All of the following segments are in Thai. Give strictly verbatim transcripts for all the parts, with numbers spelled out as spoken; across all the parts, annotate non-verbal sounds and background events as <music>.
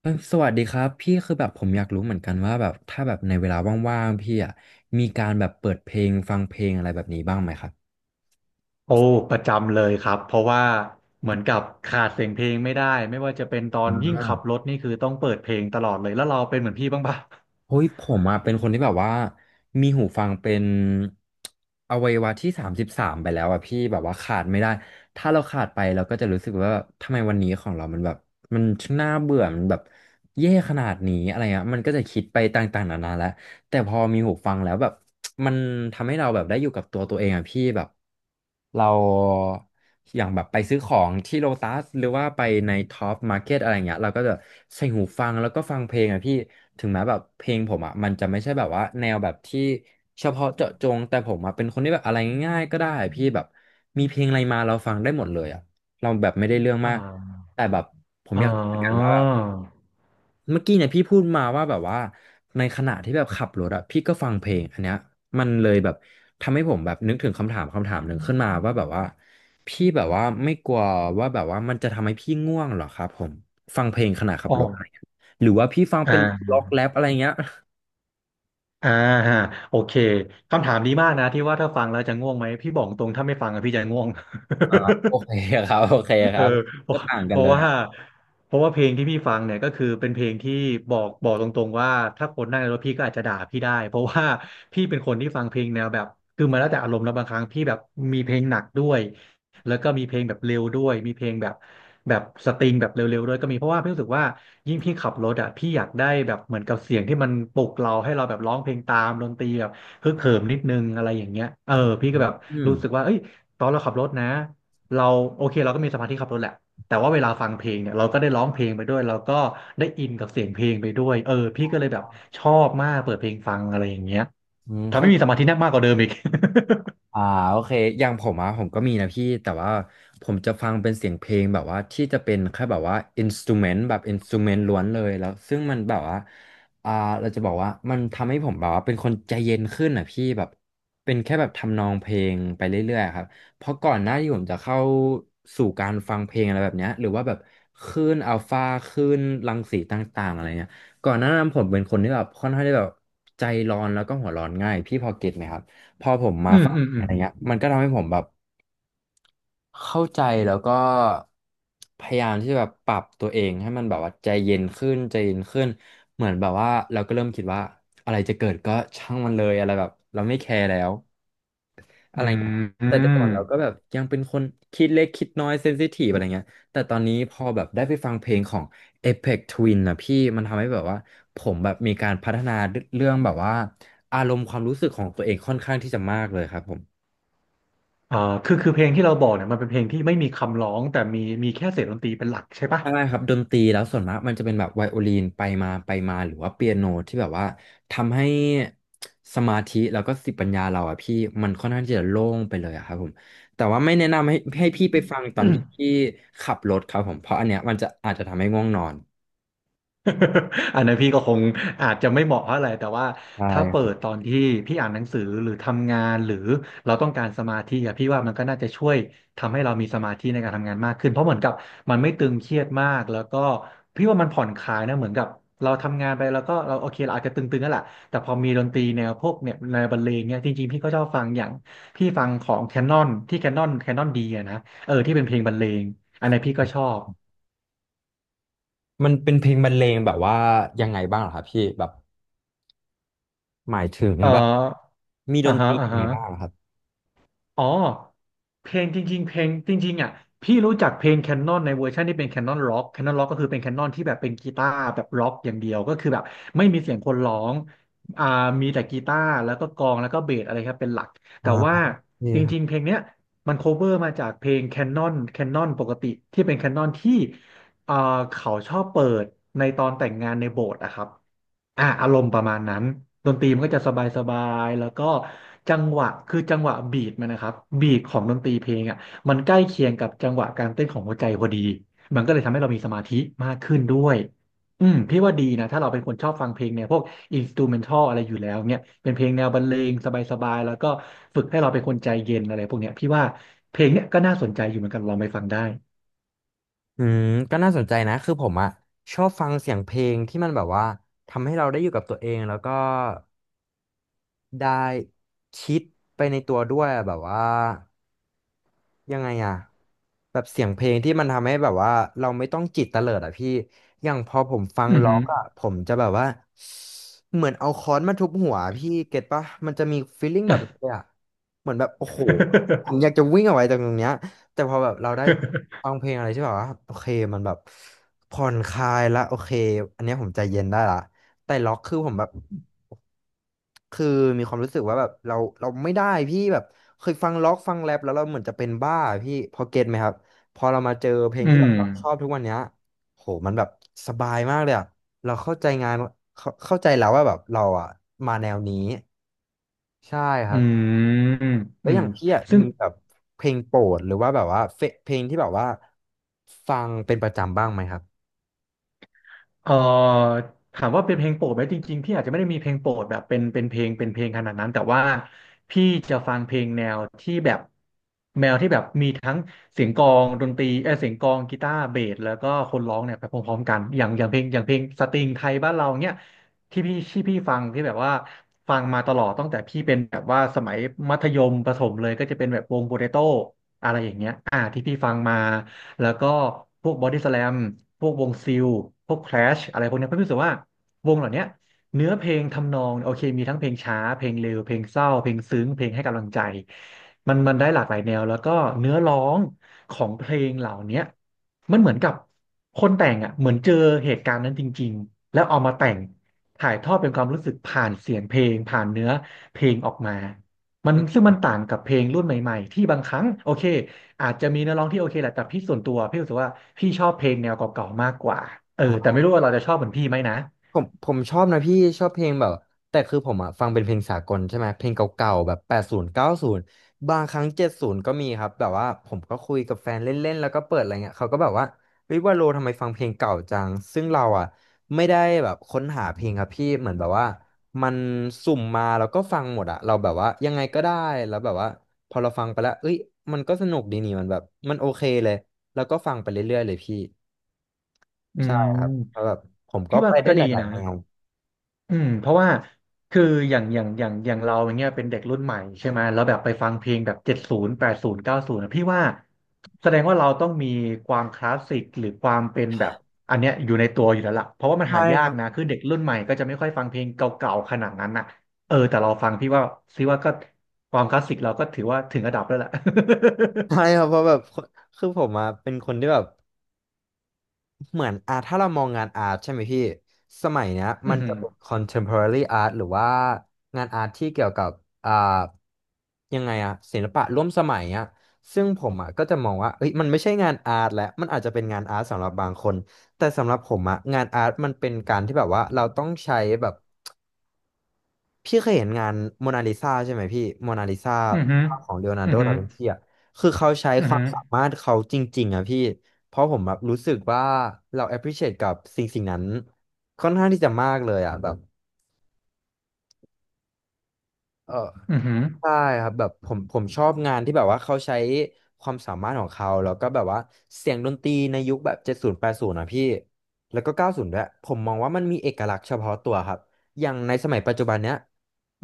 เอ้ยสวัสดีครับพี่คือแบบผมอยากรู้เหมือนกันว่าแบบถ้าแบบในเวลาว่างๆพี่อ่ะมีการแบบเปิดเพลงฟังเพลงอะไรแบบนี้บ้างไหมครับโอ้ประจำเลยครับเพราะว่าเหมือนกับขาดเสียงเพลงไม่ได้ไม่ว่าจะเป็นตออ่นยิ่งาขับรถนี่คือต้องเปิดเพลงตลอดเลยแล้วเราเป็นเหมือนพี่บ้างปะเฮ้ยผมอ่ะเป็นคนที่แบบว่ามีหูฟังเป็นอวัยวะที่สามสิบสามไปแล้วอ่ะพี่แบบว่าขาดไม่ได้ถ้าเราขาดไปเราก็จะรู้สึกว่าทำไมวันนี้ของเรามันแบบมันช่างน่าเบื่อมันแบบเย่ขนาดนี้อะไรอ่ะมันก็จะคิดไปต่างๆนานาแล้ว แต่พอมีหูฟังแล้วแบบ <tsk> มันทำให้เราแบบได้อยู่กับตัวตัวเองอ่ะพี่แบบเราอย่างแบบไปซื้อของที่โลตัสหรือว่าไปในท็อปมาร์เก็ตอะไรเงี้ยเราก็จะใส่หูฟังแล้วก็ฟังเพลงอ่ะพี่ถึงแม้แบบเพลงผมอ่ะมันจะไม่ใช่แบบว่าแนวแบบที่เฉพาะเจาะจงแต่ผมอ่ะเป็นคนที่แบบอะไรง่ายๆก็ได้อะพี่แบบมีเพลงอะไรมาเราฟังได้หมดเลยอ่ะเราแบบไม่ได้เรื่องมาอ่ากแต่แบบอ๋อเหมือนกันว่า เมื่อกี้เนี่ยพี่พูดมาว่าแบบว่าในขณะที่แบบขับรถอะพี่ก็ฟังเพลงอันเนี้ยมันเลยแบบทำให้ผมแบบนึกถึงคำถามคำถามหนึ่งขึ้นมาว่าแบบว่าพี่แบบว่าไม่กลัวว่าแบบว่ามันจะทำให้พี่ง่วงเหรอครับผมฟังเพลงขณะขับอ๋อรถอะไรเงี้ยหรือว่าพี่ฟังอ่เป็นาล็อกแรปอะไรเงี้ย อ่าฮะโอเคคำถามดีมากนะที่ว่าถ้าฟังแล้วจะง่วงไหมพี่บอกตรงถ้าไม่ฟังอะพี่จะง่วง <laughs> โอเคครับโอเค <laughs> คเออรับเพก็ราะต่างเพกันเลราะยว่าอ่ะเพราะว่าเพลงที่พี่ฟังเนี่ยก็คือเป็นเพลงที่บอกบอกตรงๆว่าถ้าคนนั่งในรถพี่ก็อาจจะด่าพี่ได้เพราะว่าพี่เป็นคนที่ฟังเพลงแนวแบบคือมาแล้วแต่อารมณ์แล้วบางครั้งพี่แบบมีเพลงหนักด้วยแล้วก็มีเพลงแบบเร็วด้วยมีเพลงแบบแบบสตริงแบบเร็วๆด้วยก็มีเพราะว่าพี่รู้สึกว่ายิ่งพี่ขับรถอ่ะพี่อยากได้แบบเหมือนกับเสียงที่มันปลุกเราให้เราแบบร้องเพลงตามดนตรีแบบฮึกเหิมนิดนึงอะไรอย่างเงี้ยเออพี่ก็แบบอืรู้สึกมว่าเอ้ยตอนเราขับรถนะ เราโอเคเราก็มีสมาธิขับรถแหละแต่ว่าเวลาฟังเพลงเนี่ยเราก็ได้ร้องเพลงไปด้วยเราก็ได้อินกับเสียงเพลงไปด้วยเออพี่ก็เลยแบบชอบมากเปิดเพลงฟังอะไรอย่างเงี้ยอืมทำเข้า ให้มีสมาธิแนบมากกว่าเดิมอีก อ่าโอเคอย่างผมอะผมก็มีนะพี่แต่ว่าผมจะฟังเป็นเสียงเพลงแบบว่าที่จะเป็นแค่แบบว่าอินสตูเมนต์แบบอินสตูเมนต์ล้วนเลยแล้วซึ่งมันแบบว่าอ่าเราจะบอกว่ามันทำให้ผมแบบว่าเป็นคนใจเย็นขึ้นอ่ะพี่แบบเป็นแค่แบบทำนองเพลงไปเรื่อยๆครับเพราะก่อนหน้าที่ผมจะเข้าสู่การฟังเพลงอะไรแบบเนี้ยหรือว่าแบบคลื่นอัลฟาคลื่นรังสีต่างๆอะไรเงี้ยก่อนหน้านั้นผมเป็นคนที่แบบค่อนข้างที่แบบใจร้อนแล้วก็หัวร้อนง่ายพี่พอเก็ตไหมครับ พอผม <laughs> มาอืมฟังอืมอือะมไรเงี้ยมันก็ทำให้ผมแบบเข้าใจแล้วก็พยายามที่จะแบบปรับตัวเองให้มันแบบว่าใจเย็นขึ้นใจเย็นขึ้นเหมือนแบบว่าเราก็เริ่มคิดว่าอะไรจะเกิดก็ช่างมันเลยอะไรแบบเราไม่แคร์แล้วอะอืไรมเงี้ยครับอืแต่แต่มก่อนเราก็แบบยังเป็นคนคิดเล็กคิดน้อยเซนซิทีฟอะไรเงี้ยแต่ตอนนี้พอแบบได้ไปฟังเพลงของ Aphex Twin นนะพี่มันทำให้แบบว่าผมแบบมีการพัฒนาเรื่องแบบว่าอารมณ์ความรู้สึกของตัวเองค่อนข้างที่จะมากเลยครับผม อ่าคือคือเพลงที่เราบอกเนี่ยมันเป็นเพลงที่ไม่มีคำร้องแต่มีมีแค่เสียงดนตรีเป็นหลักใช่ปะ ใช่ครับดนตรีแล้วส่วนมากมันจะเป็นแบบไวโอลินไปมาไปมาหรือว่าเปียโนที่แบบว่าทำให้สมาธิแล้วก็สติปัญญาเราอะพี่มันค่อนข้างที่จะโล่งไปเลยอะครับผมแต่ว่าไม่แนะนำให้ให้พี่ไปฟังตอนที่ <clears throat> พี่ขับรถครับผมเพราะอันเนี้ยมันจะอาจจะทำให้ง่วงนอน <laughs> อันนั้นพี่ก็คงอาจจะไม่เหมาะเท่าไหร่แต่ว่าใช่ถ้าเปิครัดบตอนที่พี่อ่านหนังสือหรือทำงานหรือเราต้องการสมาธิอะพี่ว่ามันก็น่าจะช่วยทำให้เรามีสมาธิในการทำงานมากขึ้นเพราะเหมือนกับมันไม่ตึงเครียดมากแล้วก็พี่ว่ามันผ่อนคลายนะเหมือนกับเราทำงานไปแล้วก็เราโอเคเราอาจจะตึงๆนั่นแหละแต่พอมีดนตรีแนวพวกเนี่ยแนวบรรเลงเนี่ยจริงๆพี่ก็ชอบฟังอย่างพี่ฟังของแคนนอนที่แคนนอนแคนนอนดีอะนะเออที่เป็นเพลงบรรเลงอันนี้นพี่ก็ชอบมันเป็นเพลงบรรเลงแบบว่ายังไงบ้างเหรอครับพี่แบบหมายถึงเอแบบอมีดอ่านตฮะรีอ่ายังไงฮะ บ้างเหรอครับอ๋อเพลงจริงๆเพลงจริงๆอ่ะพี่รู้จักเพลงแคนนอนในเวอร์ชันที่เป็นแคนนอนร็อกแคนนอนร็อกก็คือเป็นแคนนอนที่แบบเป็นกีตาร์แบบร็อกอย่างเดียวก็คือแบบไม่มีเสียงคนร้องอ่ามีแต่กีตาร์แล้วก็กลองแล้วก็เบสอะไรครับเป็นหลักอ่แต่ว่าจริงๆา เพลงเนี้ยมันโคเวอร์มาจากเพลงแคนนอนแคนนอนปกติที่เป็นแคนนอนที่อ่าเขาชอบเปิดในตอนแต่งงานในโบสถ์อะครับ อ่ะอารมณ์ประมาณนั้นดนตรีมันก็จะสบายสบายแล้วก็จังหวะคือจังหวะบีทมันนะครับบีทของดนตรีเพลงอ่ะมันใกล้เคียงกับจังหวะการเต้นของหัวใจพอดีมันก็เลยทำให้เรามีสมาธิมากขึ้นด้วยอืมพี่ว่าดีนะถ้าเราเป็นคนชอบฟังเพลงเนี่ยพวกอินสตูเมนทัลอะไรอยู่แล้วเนี่ยเป็นเพลงแนวบรรเลงสบายๆแล้วก็ฝึกให้เราเป็นคนใจเย็นอะไรพวกเนี้ยพี่ว่าเพลงเนี่ยก็น่าสนใจอยู่เหมือนกันลองไปฟังได้อืมก็น่าสนใจนะคือผมอะชอบฟังเสียงเพลงที่มันแบบว่าทำให้เราได้อยู่กับตัวเองแล้วก็ได้คิดไปในตัวด้วยอะแบบว่ายังไงอะแบบเสียงเพลงที่มันทำให้แบบว่าเราไม่ต้องจิตเตลิดอ่ะพี่อย่างพอผมฟังอือล็อหือ กอะผมจะแบบว่า เหมือนเอาค้อนมาทุบหัวพี่เก็ตปะมันจะมีฟีลลิ่งแบบนี้เลยอะเหมือนแบบโอ้โหผมอยากจะวิ่งออกไปจากตรงเนี้ยแต่พอแบบเราได้ฟั <laughs> งเพลงอะไรที่แบบว่าโอเคมันแบบผ่อนคลายละโอเคอันเนี้ยผมใจเย็นได้ละแต่ล็อกคือผมแบบคือมีความรู้สึกว่าแบบเราเราไม่ได้พี่แบบเคยฟังล็อกฟังแรปแล้วเราเหมือนจะเป็นบ้าอะพี่พอเก็ตไหมครับพอเรามาเจอเพลงอืที่แบมบเราชอบทุกวันเนี้ยโหมันแบบสบายมากเลยอะ เราเข้าใจงานเข้าเข้าใจแล้วว่าแบบเราอ่ะมาแนวนี้ใช่ครัอืบมแล้อืวอมย่างพี่อ่ะซึ่ง มีแบบเพลงโปรดหรือว่าแบบว่าเฟเพลงที่แบบว่าฟังเป็นประจำบ้างไหมครับเอ่อถามว่าเป็นเพลงโปรดไหมจริงๆพี่อาจจะไม่ได้มีเพลงโปรดแบบเป็นเป็นเพลงเป็นเพลงขนาดนั้นแต่ว่าพี่จะฟังเพลงแนวที่แบบแนวที่แบบมีทั้งเสียงกลองดนตรีเออเสียงกลองกีตาร์เบสแล้วก็คนร้องเนี่ยไปพร้อมๆกันอย่างอย่างเพลงอย่างเพลงสตริงไทยบ้านเราเนี่ยที่พี่ที่พี่ฟังที่แบบว่าฟังมาตลอดตั้งแต่พี่เป็นแบบว่าสมัยมัธยมประถมเลยก็จะเป็นแบบวงโปเตโต้อะไรอย่างเงี้ยอ่าที่พี่ฟังมา แล้วก็พวกบอดี้สแลมพวกวงซิลพวกแคลชอะไรพวกเนี้ยเพื่อนรู้สึกว่าวงเหล่าเนี้ยเนื้อเพลงทำนองโอเคมีทั้งเพลงช้าเพลงเร็วเพลงเศร้าเพลงซึ้งเพลงให้กำลังใจมันมันได้หลากหลายแนวแล้วก็เนื้อร้องของเพลงเหล่าเนี้ยมันเหมือนกับคนแต่งอ่ะเหมือนเจอเหตุการณ์นั้นจริงๆแล้วเอามาแต่งถ่ายทอดเป็นความรู้สึกผ่านเสียงเพลงผ่านเนื้อเพลงออกมามันอืซึ่งมมันต่างกับเพลงรุ่นใหม่ๆที่บางครั้งโอเค อาจจะมีเนื้อร้องที่โอเคแหละแต่พี่ส่วนตัวพี่รู้สึกว่าพี่ชอบเพลงแนวเก่าๆมากกว่าเออแต่อ่า ไม่รู้ว่าเราจะชอบเหมือนพี่ไหมนะผมผมชอบนะพี่ชอบเพลงแบบแต่คือผมอะฟังเป็นเพลงสากลใช่ไหมเพลงเก่าๆแบบแปดศูนย์เก้าศูนย์บางครั้งเจ็ดศูนย์ก็มีครับแบบว่าผมก็คุยกับแฟนเล่นๆแล้วก็เปิดอะไรเงี้ยเขาก็แบบว่าเฮ้ยว่าโลทำไมฟังเพลงเก่าจังซึ่งเราอะไม่ได้แบบค้นหาเพลงครับพี่เหมือนแบบว่ามันสุ่มมาแล้วก็ฟังหมดอะเราแบบว่ายังไงก็ได้แล้วแบบว่าพอเราฟังไปแล้วเอ้ยมันก็สนุกดีนี่มันแบบมันโอเคเลยแล้วก็ฟังไปเรื่อยๆเลยพี่อืใช่ครับเพราะมแบบผมก็พี่ไปว่าได้ก็หดีลายนะ ๆแนว อืมเพราะว่าคืออย่างอย่างอย่างอย่างเราอย่างเงี้ยเป็นเด็กรุ่นใหม่ใช่ไหมแล้วแบบไปฟังเพลงแบบเจ็ดศูนย์แปดศูนย์เก้าศูนย์พี่ว่าแสดงว่าเราต้องมีความคลาสสิกหรือความเป็นแบบอันเนี้ยอยู่ในตัวอยู่แล้วล่ะเพราะว่ามันหายากนะคือเด็กรุ่นใหม่ก็จะไม่ค่อยฟังเพลงเก่าๆขนาดนั้นน่ะเออแต่เราฟังพี่ว่าซิว่าก็ความคลาสสิกเราก็ถือว่าถึงระดับแล้วแหละ <laughs> ใช่ครับเพราะแบบคนคือผมอะเป็นคนที่แบบเหมือนอาถ้าเรามองงานอาร์ตใช่ไหมพี่สมัยเนี้ยอืมัอนหืจะอเป็น คอนเท็มโพรารี่อาร์ต หรือว่างานอาร์ตที่เกี่ยวกับอ่ายังไงอะศิลปะร่วมสมัยอะซึ่งผมอะก็จะมองว่าเอ้ยมันไม่ใช่งานอาร์ตแล้วมันอาจจะเป็นงานอาร์ตสำหรับบางคนแต่สำหรับผมอะงานอาร์ตมันเป็นการที่แบบว่าเราต้องใช้แบบ พี่เคยเห็นงานโมนาลิซาใช่ไหมพี่โมนาลิซาอือหือภาพของเลโอนาร์อืโดอหืดาอวินชีอ่ะคือเขาใช้อืคอวาหืมอสามารถเขาจริงๆอ่ะพี่ เพราะผมแบบรู้สึกว่าเรา แอพพรีชิเอท กับสิ่งสิ่งนั้นค่อนข้างที่จะมากเลยอ่ะแบบเออ อือหืใช่ครับแบบผมผมชอบงานที่แบบว่าเขาใช้ความสามารถของเขาแล้วก็แบบว่าเสียงดนตรีในยุคแบบเจ็ดศูนย์แปดศูนย์นะพี่แล้วก็เก้าศูนย์ด้วยผมมองว่ามันมีเอกลักษณ์เฉพาะตัวครับอย่างในสมัยปัจจุบันเนี้ย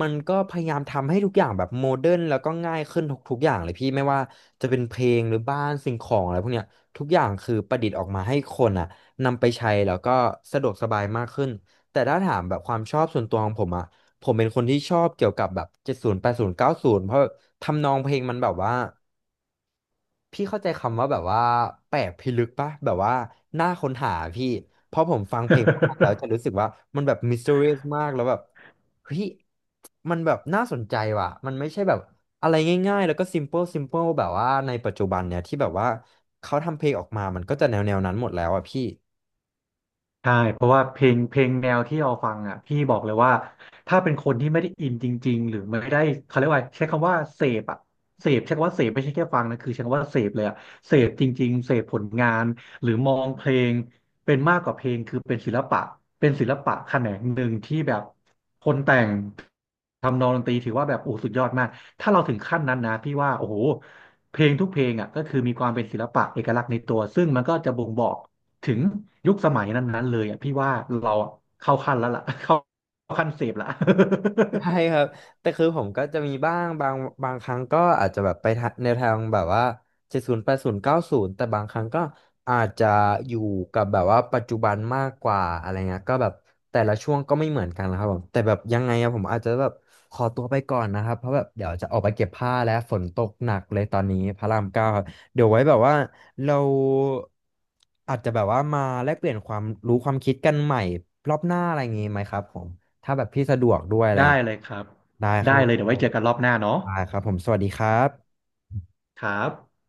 มันก็พยายามทำให้ทุกอย่างแบบโมเดิร์นแล้วก็ง่ายขึ้นทุกทุกอย่างเลยพี่ไม่ว่าจะเป็นเพลงหรือบ้านสิ่งของอะไรพวกเนี้ยทุกอย่างคือประดิษฐ์ออกมาให้คนอ่ะนำไปใช้แล้วก็สะดวกสบายมากขึ้นแต่ถ้าถามแบบความชอบส่วนตัวของผมอ่ะ ผมเป็นคนที่ชอบเกี่ยวกับแบบเจ็ดศูนย์แปดศูนย์เก้าศูนย์เพราะทำนองเพลงมันแบบว่าพี่เข้าใจคำว่าแบบว่าแปลกพิลึกปะแบบว่าน่าค้นหาพี่เพราะผมฟังเพลงพวกนั้นแล้วจะอ รู้สึกว่ามันแบบมิส t ต r ไอ รี เอส มากแล้วแบบเฮ้ยมันแบบน่าสนใจว่ะมันไม่ใช่แบบอะไรง่ายๆแล้วก็ซิมเ l ิลซิมเ l ิลแบบว่าในปัจจุบันเนี่ยที่แบบว่าเขาทำเพลงออกมามันก็จะแนวแนวนั้นหมดแล้วอ่ะพี่ ใช่เพราะว่าเพลงเพลงแนวที่เราฟังอ่ะพี่บอกเลยว่าถ้าเป็นคนที่ไม่ได้อินจริงๆหรือไม่ได้เขาเรียกว่าใช้คำว่าเสพอ่ะเสพใช้คำว่าเสพไม่ใช่แค่ฟังนะคือใช้คำว่าเสพเลยอ่ะเสพจริงๆเสพผลงานหรือมองเพลงเป็นมากกว่าเพลงคือเป็นศิลปะเป็นศิลปะแขนงหนึ่งที่แบบคนแต่งทำนองดนตรีถือว่าแบบโอ้สุดยอดมากถ้าเราถึงขั้นนั้นนะพี่ว่าโอ้โหเพลงทุกเพลงอ่ะก็คือมีความเป็นศิลปะเอกลักษณ์ในตัวซึ่งมันก็จะบ่งบอก ถึงยุคสมัยนั้นๆเลยอ่ะพี่ว่าเราอะเข้าขั้นแล้วล่ะ <laughs> เข้าขั้นเสพละ ใช่ครับแต่คือผมก็จะมีบ้างบางบางครั้งก็อาจจะแบบไปทะแนวทางแบบว่าเจ็ดศูนย์แปดศูนย์เก้าศูนย์แต่บางครั้งก็อาจจะอยู่กับแบบว่าปัจจุบันมากกว่าอะไรเงี้ยก็แบบแต่ละช่วงก็ไม่เหมือนกันนะครับผมแต่แบบยังไงอะผมอาจจะแบบขอตัวไปก่อนนะครับเพราะแบบเดี๋ยวจะออกไปเก็บผ้าแล้วฝนตกหนักเลยตอนนี้พระรามเก้าครับเดี๋ยวไว้แบบว่าเราอาจจะแบบว่ามาแลกเปลี่ยนความรู้ความคิดกันใหม่รอบหน้าอะไรอย่างงี้ไหมครับผม ถ้าแบบพี่สะดวกด้วยอะไร <laughs> อย่างได้เงี้ยเลยครับได้ครับได้ผเลยเดี๋ยวไว้มเจอกันรอบหน้าเนาะได้ครับผมสวัสดีครับครับ